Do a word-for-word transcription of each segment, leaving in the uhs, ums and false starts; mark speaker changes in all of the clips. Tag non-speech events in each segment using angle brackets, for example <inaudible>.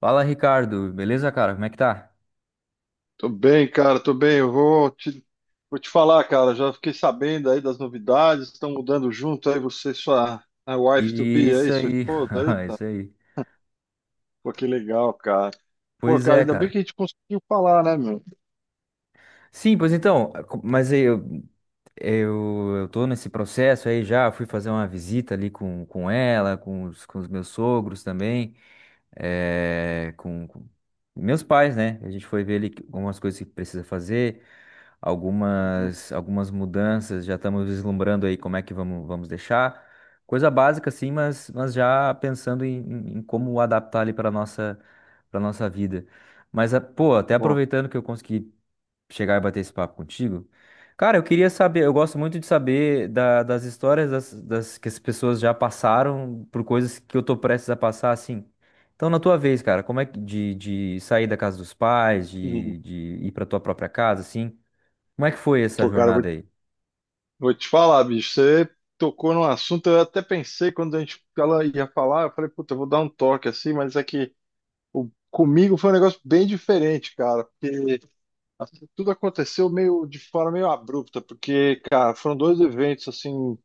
Speaker 1: Fala, Ricardo. Beleza, cara? Como é que tá?
Speaker 2: Tô bem, cara, tô bem. Eu vou te, vou te falar, cara. Já fiquei sabendo aí das novidades. Estão mudando junto aí você e sua a wife to be
Speaker 1: Isso
Speaker 2: aí, sua
Speaker 1: aí.
Speaker 2: esposa.
Speaker 1: <laughs>
Speaker 2: Eita,
Speaker 1: Isso aí.
Speaker 2: pô, que legal, cara. Pô,
Speaker 1: Pois
Speaker 2: cara,
Speaker 1: é,
Speaker 2: ainda bem
Speaker 1: cara.
Speaker 2: que a gente conseguiu falar, né, meu?
Speaker 1: Sim, pois então, co- mas aí eu, eu, eu tô nesse processo aí já, fui fazer uma visita ali com, com ela, com os, com os meus sogros também. É, com, com meus pais, né? A gente foi ver ali algumas coisas que precisa fazer,
Speaker 2: Uhum.
Speaker 1: algumas, algumas mudanças, já estamos vislumbrando aí como é que vamos, vamos deixar. Coisa básica, assim, mas, mas já pensando em, em- em como adaptar ali para nossa, para nossa vida. Mas, a- pô, até
Speaker 2: Bom,
Speaker 1: aproveitando que eu consegui chegar e bater esse papo contigo. Cara, eu queria saber, eu gosto muito de saber da- das histórias das, das- que as pessoas já passaram por coisas que eu tô prestes a passar, assim. Então, na tua vez, cara, como é que de, de sair da casa dos pais,
Speaker 2: uhum.
Speaker 1: de, de ir pra tua própria casa, assim, como é que foi essa
Speaker 2: Pô, cara, vou,
Speaker 1: jornada aí?
Speaker 2: vou te falar, bicho. Você tocou num assunto. Eu até pensei quando a gente ela ia falar, eu falei, puta, eu vou dar um toque assim, mas é que o, comigo foi um negócio bem diferente, cara. Tudo aconteceu meio de forma meio abrupta, porque, cara, foram dois eventos assim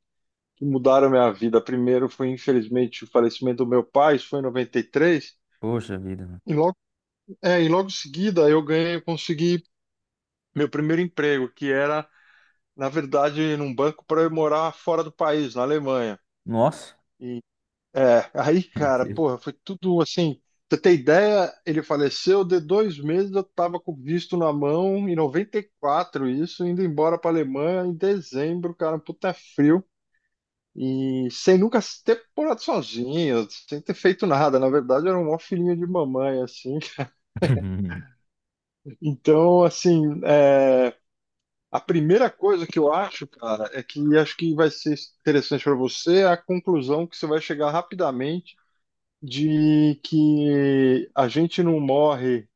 Speaker 2: que mudaram a minha vida. Primeiro foi, infelizmente, o falecimento do meu pai, isso foi em noventa e três, e três,
Speaker 1: Poxa vida, mano.
Speaker 2: e logo, é, e logo em seguida eu ganhei, eu consegui meu primeiro emprego, que era, na verdade, num banco para eu morar fora do país, na Alemanha.
Speaker 1: Nossa,
Speaker 2: E É, aí, cara, porra, foi tudo assim. Pra Você ter ideia, ele faleceu de dois meses, eu tava com o visto na mão, em noventa e quatro, isso, indo embora pra Alemanha em dezembro, cara, um puta frio. E sem nunca ter morado sozinho, sem ter feito nada. Na verdade, eu era um maior filhinho de mamãe, assim.
Speaker 1: <laughs>
Speaker 2: <laughs> Então, assim, é, a primeira coisa que eu acho, cara, é que acho que vai ser interessante para você é a conclusão que você vai chegar rapidamente de que a gente não morre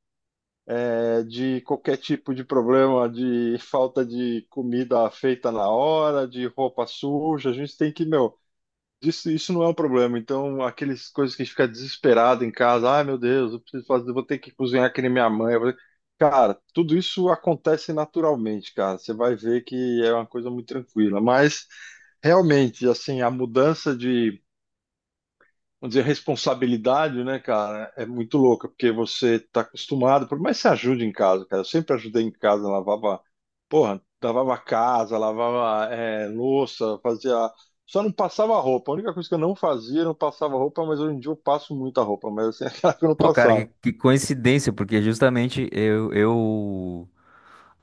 Speaker 2: é, de qualquer tipo de problema, de falta de comida feita na hora, de roupa suja, a gente tem que, meu, isso, isso não é um problema. Então, aquelas coisas que a gente fica desesperado em casa, ai meu Deus, eu preciso fazer, vou ter que cozinhar que nem minha mãe. eu vou ter-". Cara, tudo isso acontece naturalmente, cara. Você vai ver que é uma coisa muito tranquila, mas realmente, assim, a mudança de vamos dizer, responsabilidade, né, cara, é muito louca, porque você está acostumado, por mais que você ajude em casa, cara, eu sempre ajudei em casa, lavava, porra, lavava casa, lavava é, louça, fazia. Só não passava roupa. A única coisa que eu não fazia, eu não passava roupa, mas hoje em dia eu passo muita roupa, mas assim, <laughs> aquela que eu não
Speaker 1: <laughs> Pô, cara, que,
Speaker 2: passava.
Speaker 1: que coincidência, porque justamente eu, eu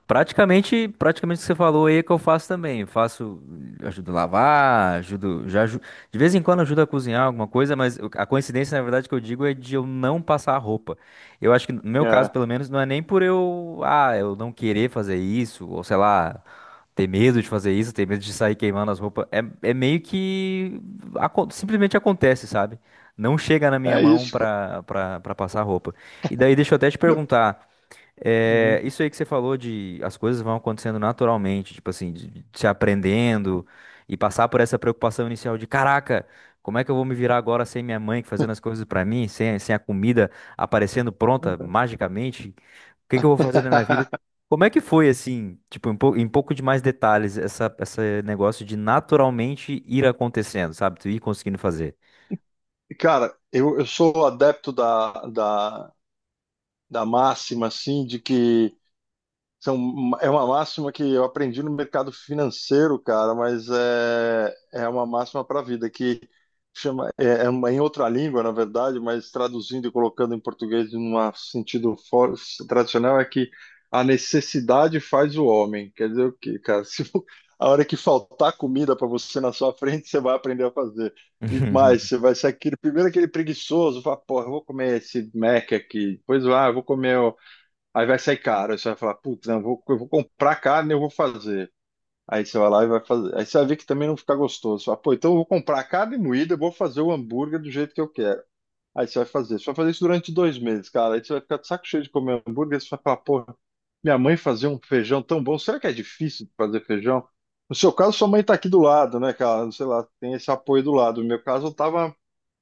Speaker 1: Praticamente, praticamente o que você falou aí é que eu faço também. Eu faço, ajudo a lavar, ajudo, já aju- de vez em quando ajudo a cozinhar alguma coisa, mas o- a coincidência, na verdade, que eu digo é de eu não passar a roupa. Eu acho que no meu caso,
Speaker 2: É,
Speaker 1: pelo menos, não é nem por eu, ah, eu não querer fazer isso, ou sei lá, ter medo de fazer isso, ter medo de sair queimando as roupas. É, é meio que acon- simplesmente acontece, sabe? Não chega na minha
Speaker 2: é
Speaker 1: mão
Speaker 2: isso, cara.
Speaker 1: pra, pra, pra passar a roupa. E daí deixa eu até te perguntar. É,
Speaker 2: Uhum.
Speaker 1: isso aí que você falou de as coisas vão acontecendo naturalmente, tipo assim, de, de se aprendendo e passar por essa preocupação inicial de caraca, como é que eu vou me virar agora sem minha mãe fazendo as coisas pra mim, sem, sem a comida aparecendo pronta magicamente? O que que eu vou fazer na minha vida?
Speaker 2: <laughs>
Speaker 1: Como é que foi assim, tipo, em, pou- em pouco de mais detalhes, essa, esse negócio de naturalmente ir acontecendo, sabe? Tu ir conseguindo fazer.
Speaker 2: Cara, eu, eu sou adepto da, da, da máxima, assim, de que São, é uma máxima que eu aprendi no mercado financeiro, cara, mas é, é uma máxima para a vida, que chama, é, é uma- em outra língua, na verdade, mas traduzindo e colocando em português num sentido for- tradicional, é que a necessidade faz o homem. Quer dizer o quê, cara? <laughs> Se a hora que faltar comida para você na sua frente, você vai aprender a fazer. E mais,
Speaker 1: <laughs>
Speaker 2: você vai ser aquele, primeiro aquele preguiçoso, fala, porra, eu vou comer esse Mac aqui, depois, ah, eu vou comer. Aí vai sair caro, aí você vai falar, putz, não, eu vou, eu vou comprar carne e eu vou fazer. Aí você vai lá e vai fazer. Aí você vai ver que também não fica gostoso. Você fala, pô, então eu vou comprar carne moída, eu vou fazer o hambúrguer do jeito que eu quero. Aí você vai fazer. Você vai fazer isso durante dois meses, cara. Aí você vai ficar de saco cheio de comer hambúrguer. Você vai falar, pô, minha mãe fazia um feijão tão bom. Será que é difícil de fazer feijão? No seu caso, sua mãe tá aqui do lado, né, cara? Sei lá, tem esse apoio do lado. No meu caso, eu tava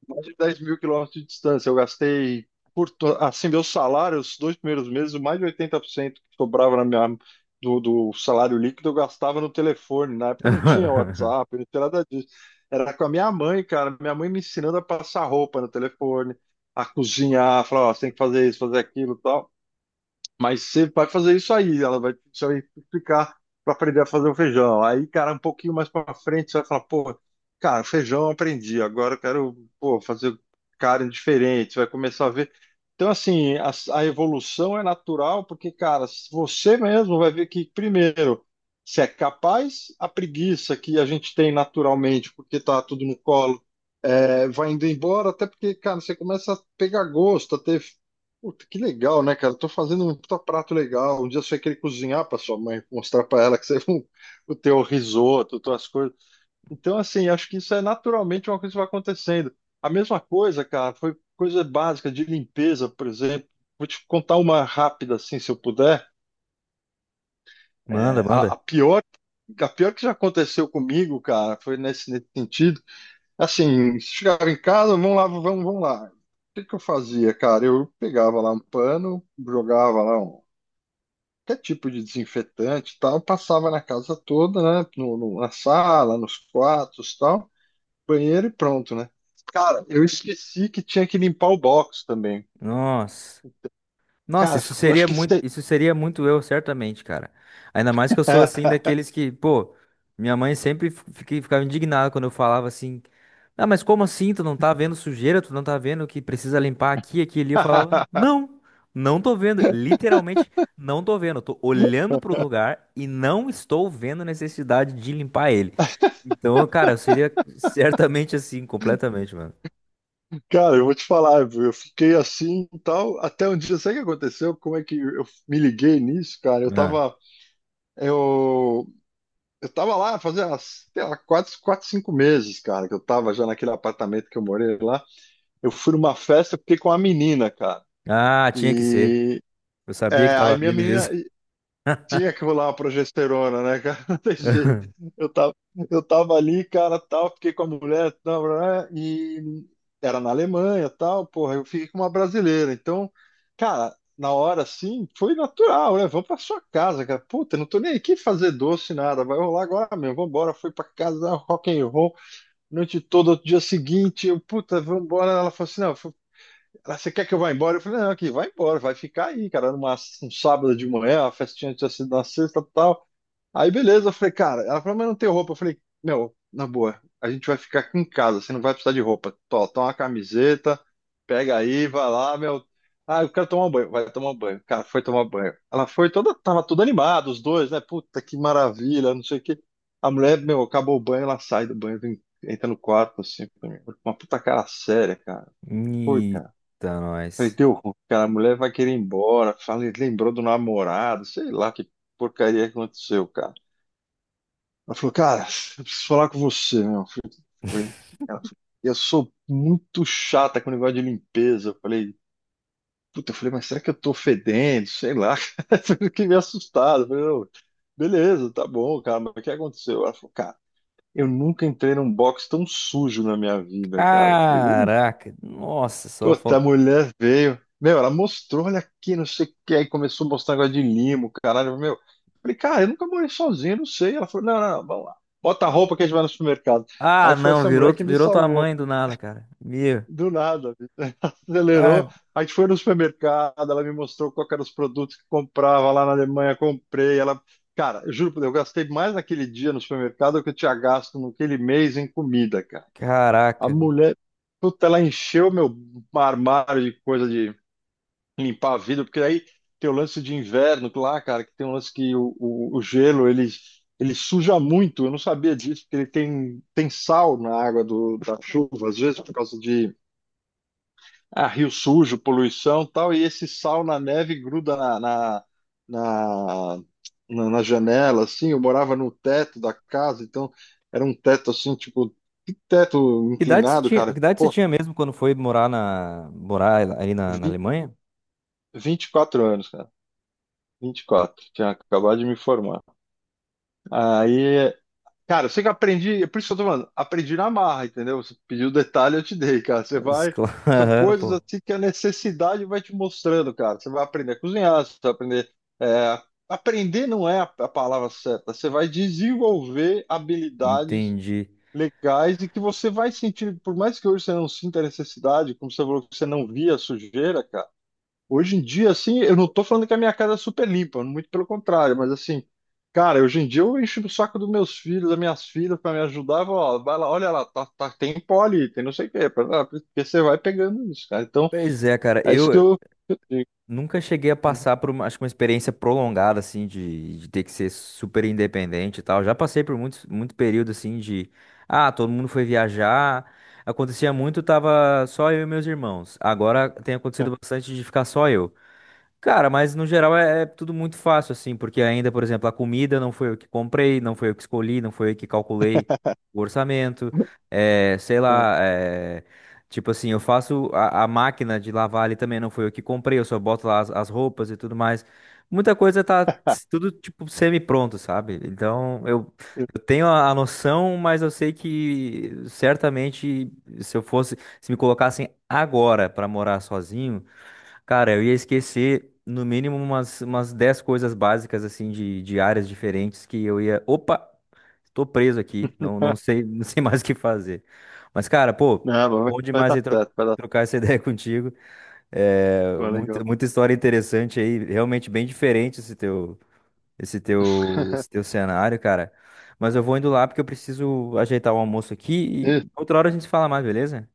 Speaker 2: mais de dez mil quilômetros de distância. Eu gastei, por, to- assim, meu salário, os dois primeiros meses, mais de oitenta por cento que sobrava na minha, do, do salário líquido, eu gastava no telefone. Na época não tinha WhatsApp, não tinha nada disso. Era com a minha mãe, cara. Minha mãe me ensinando a passar roupa no telefone, a cozinhar, falar, ó, você tem que fazer isso, fazer aquilo e tal. Mas você vai fazer isso aí, ela vai, você vai explicar para aprender a fazer o feijão. Aí, cara, um pouquinho mais para frente, você vai falar, pô, cara, feijão eu aprendi, agora eu quero, pô, fazer carne diferente, você vai começar a ver. Então, assim, a, a evolução é natural, porque, cara, você mesmo vai ver que, primeiro, você é capaz, a preguiça que a gente tem naturalmente, porque tá tudo no colo, Aí vai indo embora, até porque, cara, você começa a pegar gosto, a ter. Puta, que legal, né, cara? Tô fazendo um puta prato legal. Um dia você vai querer cozinhar pra sua mãe, mostrar pra ela que você <laughs> o teu risoto, tuas coisas. Então, assim, acho que isso é naturalmente uma coisa que vai acontecendo. A mesma coisa, cara, foi coisa básica de limpeza, por exemplo. Vou te contar uma rápida, assim, se eu puder. É,
Speaker 1: Manda, manda.
Speaker 2: a, a pior, a pior que já aconteceu comigo, cara, foi nesse, nesse sentido. Assim, chegava em casa, vamos lá, vamos, vamos lá. O que que eu fazia, cara? Eu pegava lá um pano, jogava lá um, qualquer tipo de desinfetante e tal, passava na casa toda, né? No, no- na sala, nos quartos e tal, banheiro e pronto, né? Cara, eu esqueci que tinha que limpar o box também.
Speaker 1: Nossa. Nossa,
Speaker 2: Cara,
Speaker 1: isso
Speaker 2: eu
Speaker 1: seria
Speaker 2: acho que
Speaker 1: muito,
Speaker 2: sei.
Speaker 1: isso seria muito eu, certamente, cara. Ainda mais que eu sou assim daqueles que, pô, minha mãe sempre fi- fique- ficava indignada quando eu falava assim: "Ah, mas como assim? Tu não tá vendo sujeira? Tu não tá vendo que precisa limpar aqui, aqui, e ali?" Eu falava:
Speaker 2: <laughs>
Speaker 1: "Não, não tô vendo, literalmente não tô vendo. Eu tô olhando pro lugar e não estou vendo necessidade de limpar ele." Então, cara, eu seria certamente assim, completamente, mano.
Speaker 2: Cara, eu vou te falar, viu? Eu fiquei assim e tal, até um dia, sabe o que aconteceu? Como é que eu me liguei nisso, cara? Eu
Speaker 1: Ah,
Speaker 2: tava, eu Eu tava lá fazia, sei lá, quatro, quatro, cinco meses, cara, que eu tava já naquele apartamento que eu morei lá. Eu fui numa festa, fiquei com uma menina, cara.
Speaker 1: Ah, tinha que ser.
Speaker 2: E
Speaker 1: Eu sabia que
Speaker 2: é, Aí
Speaker 1: tava
Speaker 2: minha
Speaker 1: vindo
Speaker 2: menina.
Speaker 1: isso.
Speaker 2: Tinha que rolar uma progesterona, né, cara? <laughs> Não tem jeito. Eu tava, eu tava ali, cara, tal, fiquei com a mulher, tal, blá, blá, e era na Alemanha, tal, porra, eu fiquei com uma brasileira. Então, cara, na hora assim, foi natural, né? Vamos pra sua casa, cara. Puta, não tô nem aqui fazer doce, nada. Vai rolar agora mesmo. Vambora, fui pra casa, rock and roll, noite toda, outro dia seguinte, eu, puta, vambora. Ela falou assim, não, ela, você quer que eu vá embora? Eu falei, não, aqui, vai embora, vai ficar aí, cara, numa, um sábado de manhã, a festinha tinha sido na sexta e tal. Aí, beleza, eu falei, cara, ela falou, mas não tem roupa. Eu falei, meu, na boa, a gente vai ficar aqui em casa, você não vai precisar de roupa. Tó, toma uma camiseta, pega aí, vai lá, meu. Ah, eu quero tomar um banho. Vai tomar um banho. Cara, foi tomar banho. Ela foi toda, tava tudo animado, os dois, né? Puta, que maravilha, não sei o quê. A mulher, meu, acabou o banho, ela sai do banho, vem- entra no quarto, assim, pra mim. Uma puta cara séria, cara. Putz,
Speaker 1: Eita,
Speaker 2: Falei,
Speaker 1: nós.
Speaker 2: deu ruim, cara, a mulher vai querer ir embora. Falei, lembrou do namorado, sei lá que porcaria que aconteceu, cara. Ela falou, cara, eu preciso falar com você, meu. Eu falei, Ela falou, eu sou muito chata com o negócio de limpeza. Eu falei, puta, eu falei, mas será que eu tô fedendo? Sei lá. <laughs> Eu Fiquei meio assustado. Eu falei, não, beleza, tá bom, cara, mas o que aconteceu? Ela falou, cara, eu nunca entrei num box tão sujo na minha vida, cara. Eu falei, ui,
Speaker 1: Caraca, nossa, só
Speaker 2: Outra
Speaker 1: falta.
Speaker 2: mulher veio. Meu, ela mostrou, olha aqui, não sei o que. Aí começou a mostrar negócio de limo, caralho. Meu, falei, cara, eu nunca morei sozinho, não sei. Ela falou, não, não, vamos lá. Bota a roupa que a gente vai no supermercado.
Speaker 1: Ah,
Speaker 2: Aí foi
Speaker 1: não,
Speaker 2: essa
Speaker 1: virou,
Speaker 2: mulher que me
Speaker 1: virou tua
Speaker 2: salvou.
Speaker 1: mãe do nada, cara. Meu,
Speaker 2: Do nada, bicho. <laughs> acelerou.
Speaker 1: ah,
Speaker 2: A gente foi no supermercado, ela me mostrou qual que eram os produtos que comprava lá na Alemanha, comprei. Ela, cara, eu juro por Deus, eu gastei mais naquele dia no supermercado do que eu tinha gasto naquele mês em comida, cara. A
Speaker 1: caraca. Velho.
Speaker 2: mulher, puta, ela encheu meu armário de coisa de limpar a vidro, porque aí tem o lance de inverno lá, cara, que tem um lance que o, o, o gelo ele, ele suja muito. Eu não sabia disso, porque ele tem, tem sal na água do, da chuva, às vezes por causa de ah, rio sujo, poluição e tal, e esse sal na neve gruda na, na, na, na- na janela, assim. Eu morava no teto da casa, então era um teto assim, tipo, que teto
Speaker 1: Que idade você
Speaker 2: inclinado,
Speaker 1: tinha, que
Speaker 2: cara.
Speaker 1: idade você
Speaker 2: Pô,
Speaker 1: tinha mesmo quando foi morar na, morar ali na, na
Speaker 2: vinte,
Speaker 1: Alemanha?
Speaker 2: vinte e quatro anos, cara. vinte e quatro, tinha acabado de me formar. Aí, cara, eu sei que eu aprendi, é por isso que eu tô falando, aprendi na marra, entendeu? Você pediu detalhe, eu te dei, cara. Você vai.
Speaker 1: Escola- <laughs>
Speaker 2: São
Speaker 1: Aham,
Speaker 2: coisas
Speaker 1: pô,
Speaker 2: assim que a necessidade vai te mostrando, cara. Você vai aprender a cozinhar, você vai aprender. é, Aprender não é a, a palavra certa. Você vai desenvolver habilidades
Speaker 1: entendi.
Speaker 2: legais e que você vai sentir, por mais que hoje você não sinta a necessidade, como você falou que você não via a sujeira, cara. Hoje em dia, assim, eu não tô falando que a minha casa é super limpa, muito pelo contrário, mas assim, cara, hoje em dia eu encho o saco dos meus filhos, das minhas filhas para me ajudar, eu falo, ó, vai lá, olha lá, tá, tá- tem pó ali, tem não sei o quê, pra- ah, porque você vai pegando isso, cara. Então,
Speaker 1: Pois é, cara,
Speaker 2: é isso
Speaker 1: eu,
Speaker 2: que eu, eu digo.
Speaker 1: nunca cheguei a
Speaker 2: Uhum.
Speaker 1: passar por uma, acho que uma experiência prolongada, assim, de, de ter que ser super independente e tal. Já passei por muitos, muito período, assim, de... Ah, todo mundo foi viajar. Acontecia muito, tava só eu e meus irmãos. Agora tem acontecido bastante de ficar só eu. Cara, mas no geral é, é tudo muito fácil, assim, porque ainda, por exemplo, a comida não foi eu que comprei, não foi eu que escolhi, não foi eu que calculei o orçamento, é, sei lá, é, tipo assim, eu faço a, a máquina de lavar ali também, não foi eu que comprei, eu só boto lá as, as roupas e tudo mais. Muita coisa tá s- tudo, tipo, semi-pronto, sabe? Então, eu, eu
Speaker 2: <laughs>
Speaker 1: tenho a, a noção, mas eu sei que certamente se eu fosse, se me colocassem agora pra morar sozinho. Cara, eu ia esquecer no mínimo umas, umas dez coisas básicas, assim, de, de áreas diferentes que eu ia. Opa, tô preso aqui, não, não sei, <laughs> não sei mais o que fazer. Mas, cara, pô,
Speaker 2: Não, vai,
Speaker 1: bom
Speaker 2: vai
Speaker 1: demais
Speaker 2: dar
Speaker 1: aí tro-
Speaker 2: certo, vai dar
Speaker 1: trocar essa <laughs> ideia contigo.
Speaker 2: certo,
Speaker 1: É,
Speaker 2: vai legal.
Speaker 1: muita, muita história interessante aí, realmente bem diferente esse teu, esse teu, esse
Speaker 2: <laughs>
Speaker 1: teu cenário, cara. Mas eu vou indo lá porque eu preciso ajeitar o almoço aqui
Speaker 2: E,
Speaker 1: e outra hora a gente fala mais, beleza?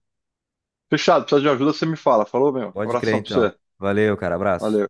Speaker 2: Fechado, precisa de ajuda, você me fala. Falou, meu.
Speaker 1: Pode crer,
Speaker 2: Abração pra
Speaker 1: então.
Speaker 2: você.
Speaker 1: Valeu, cara, abraço.
Speaker 2: Valeu.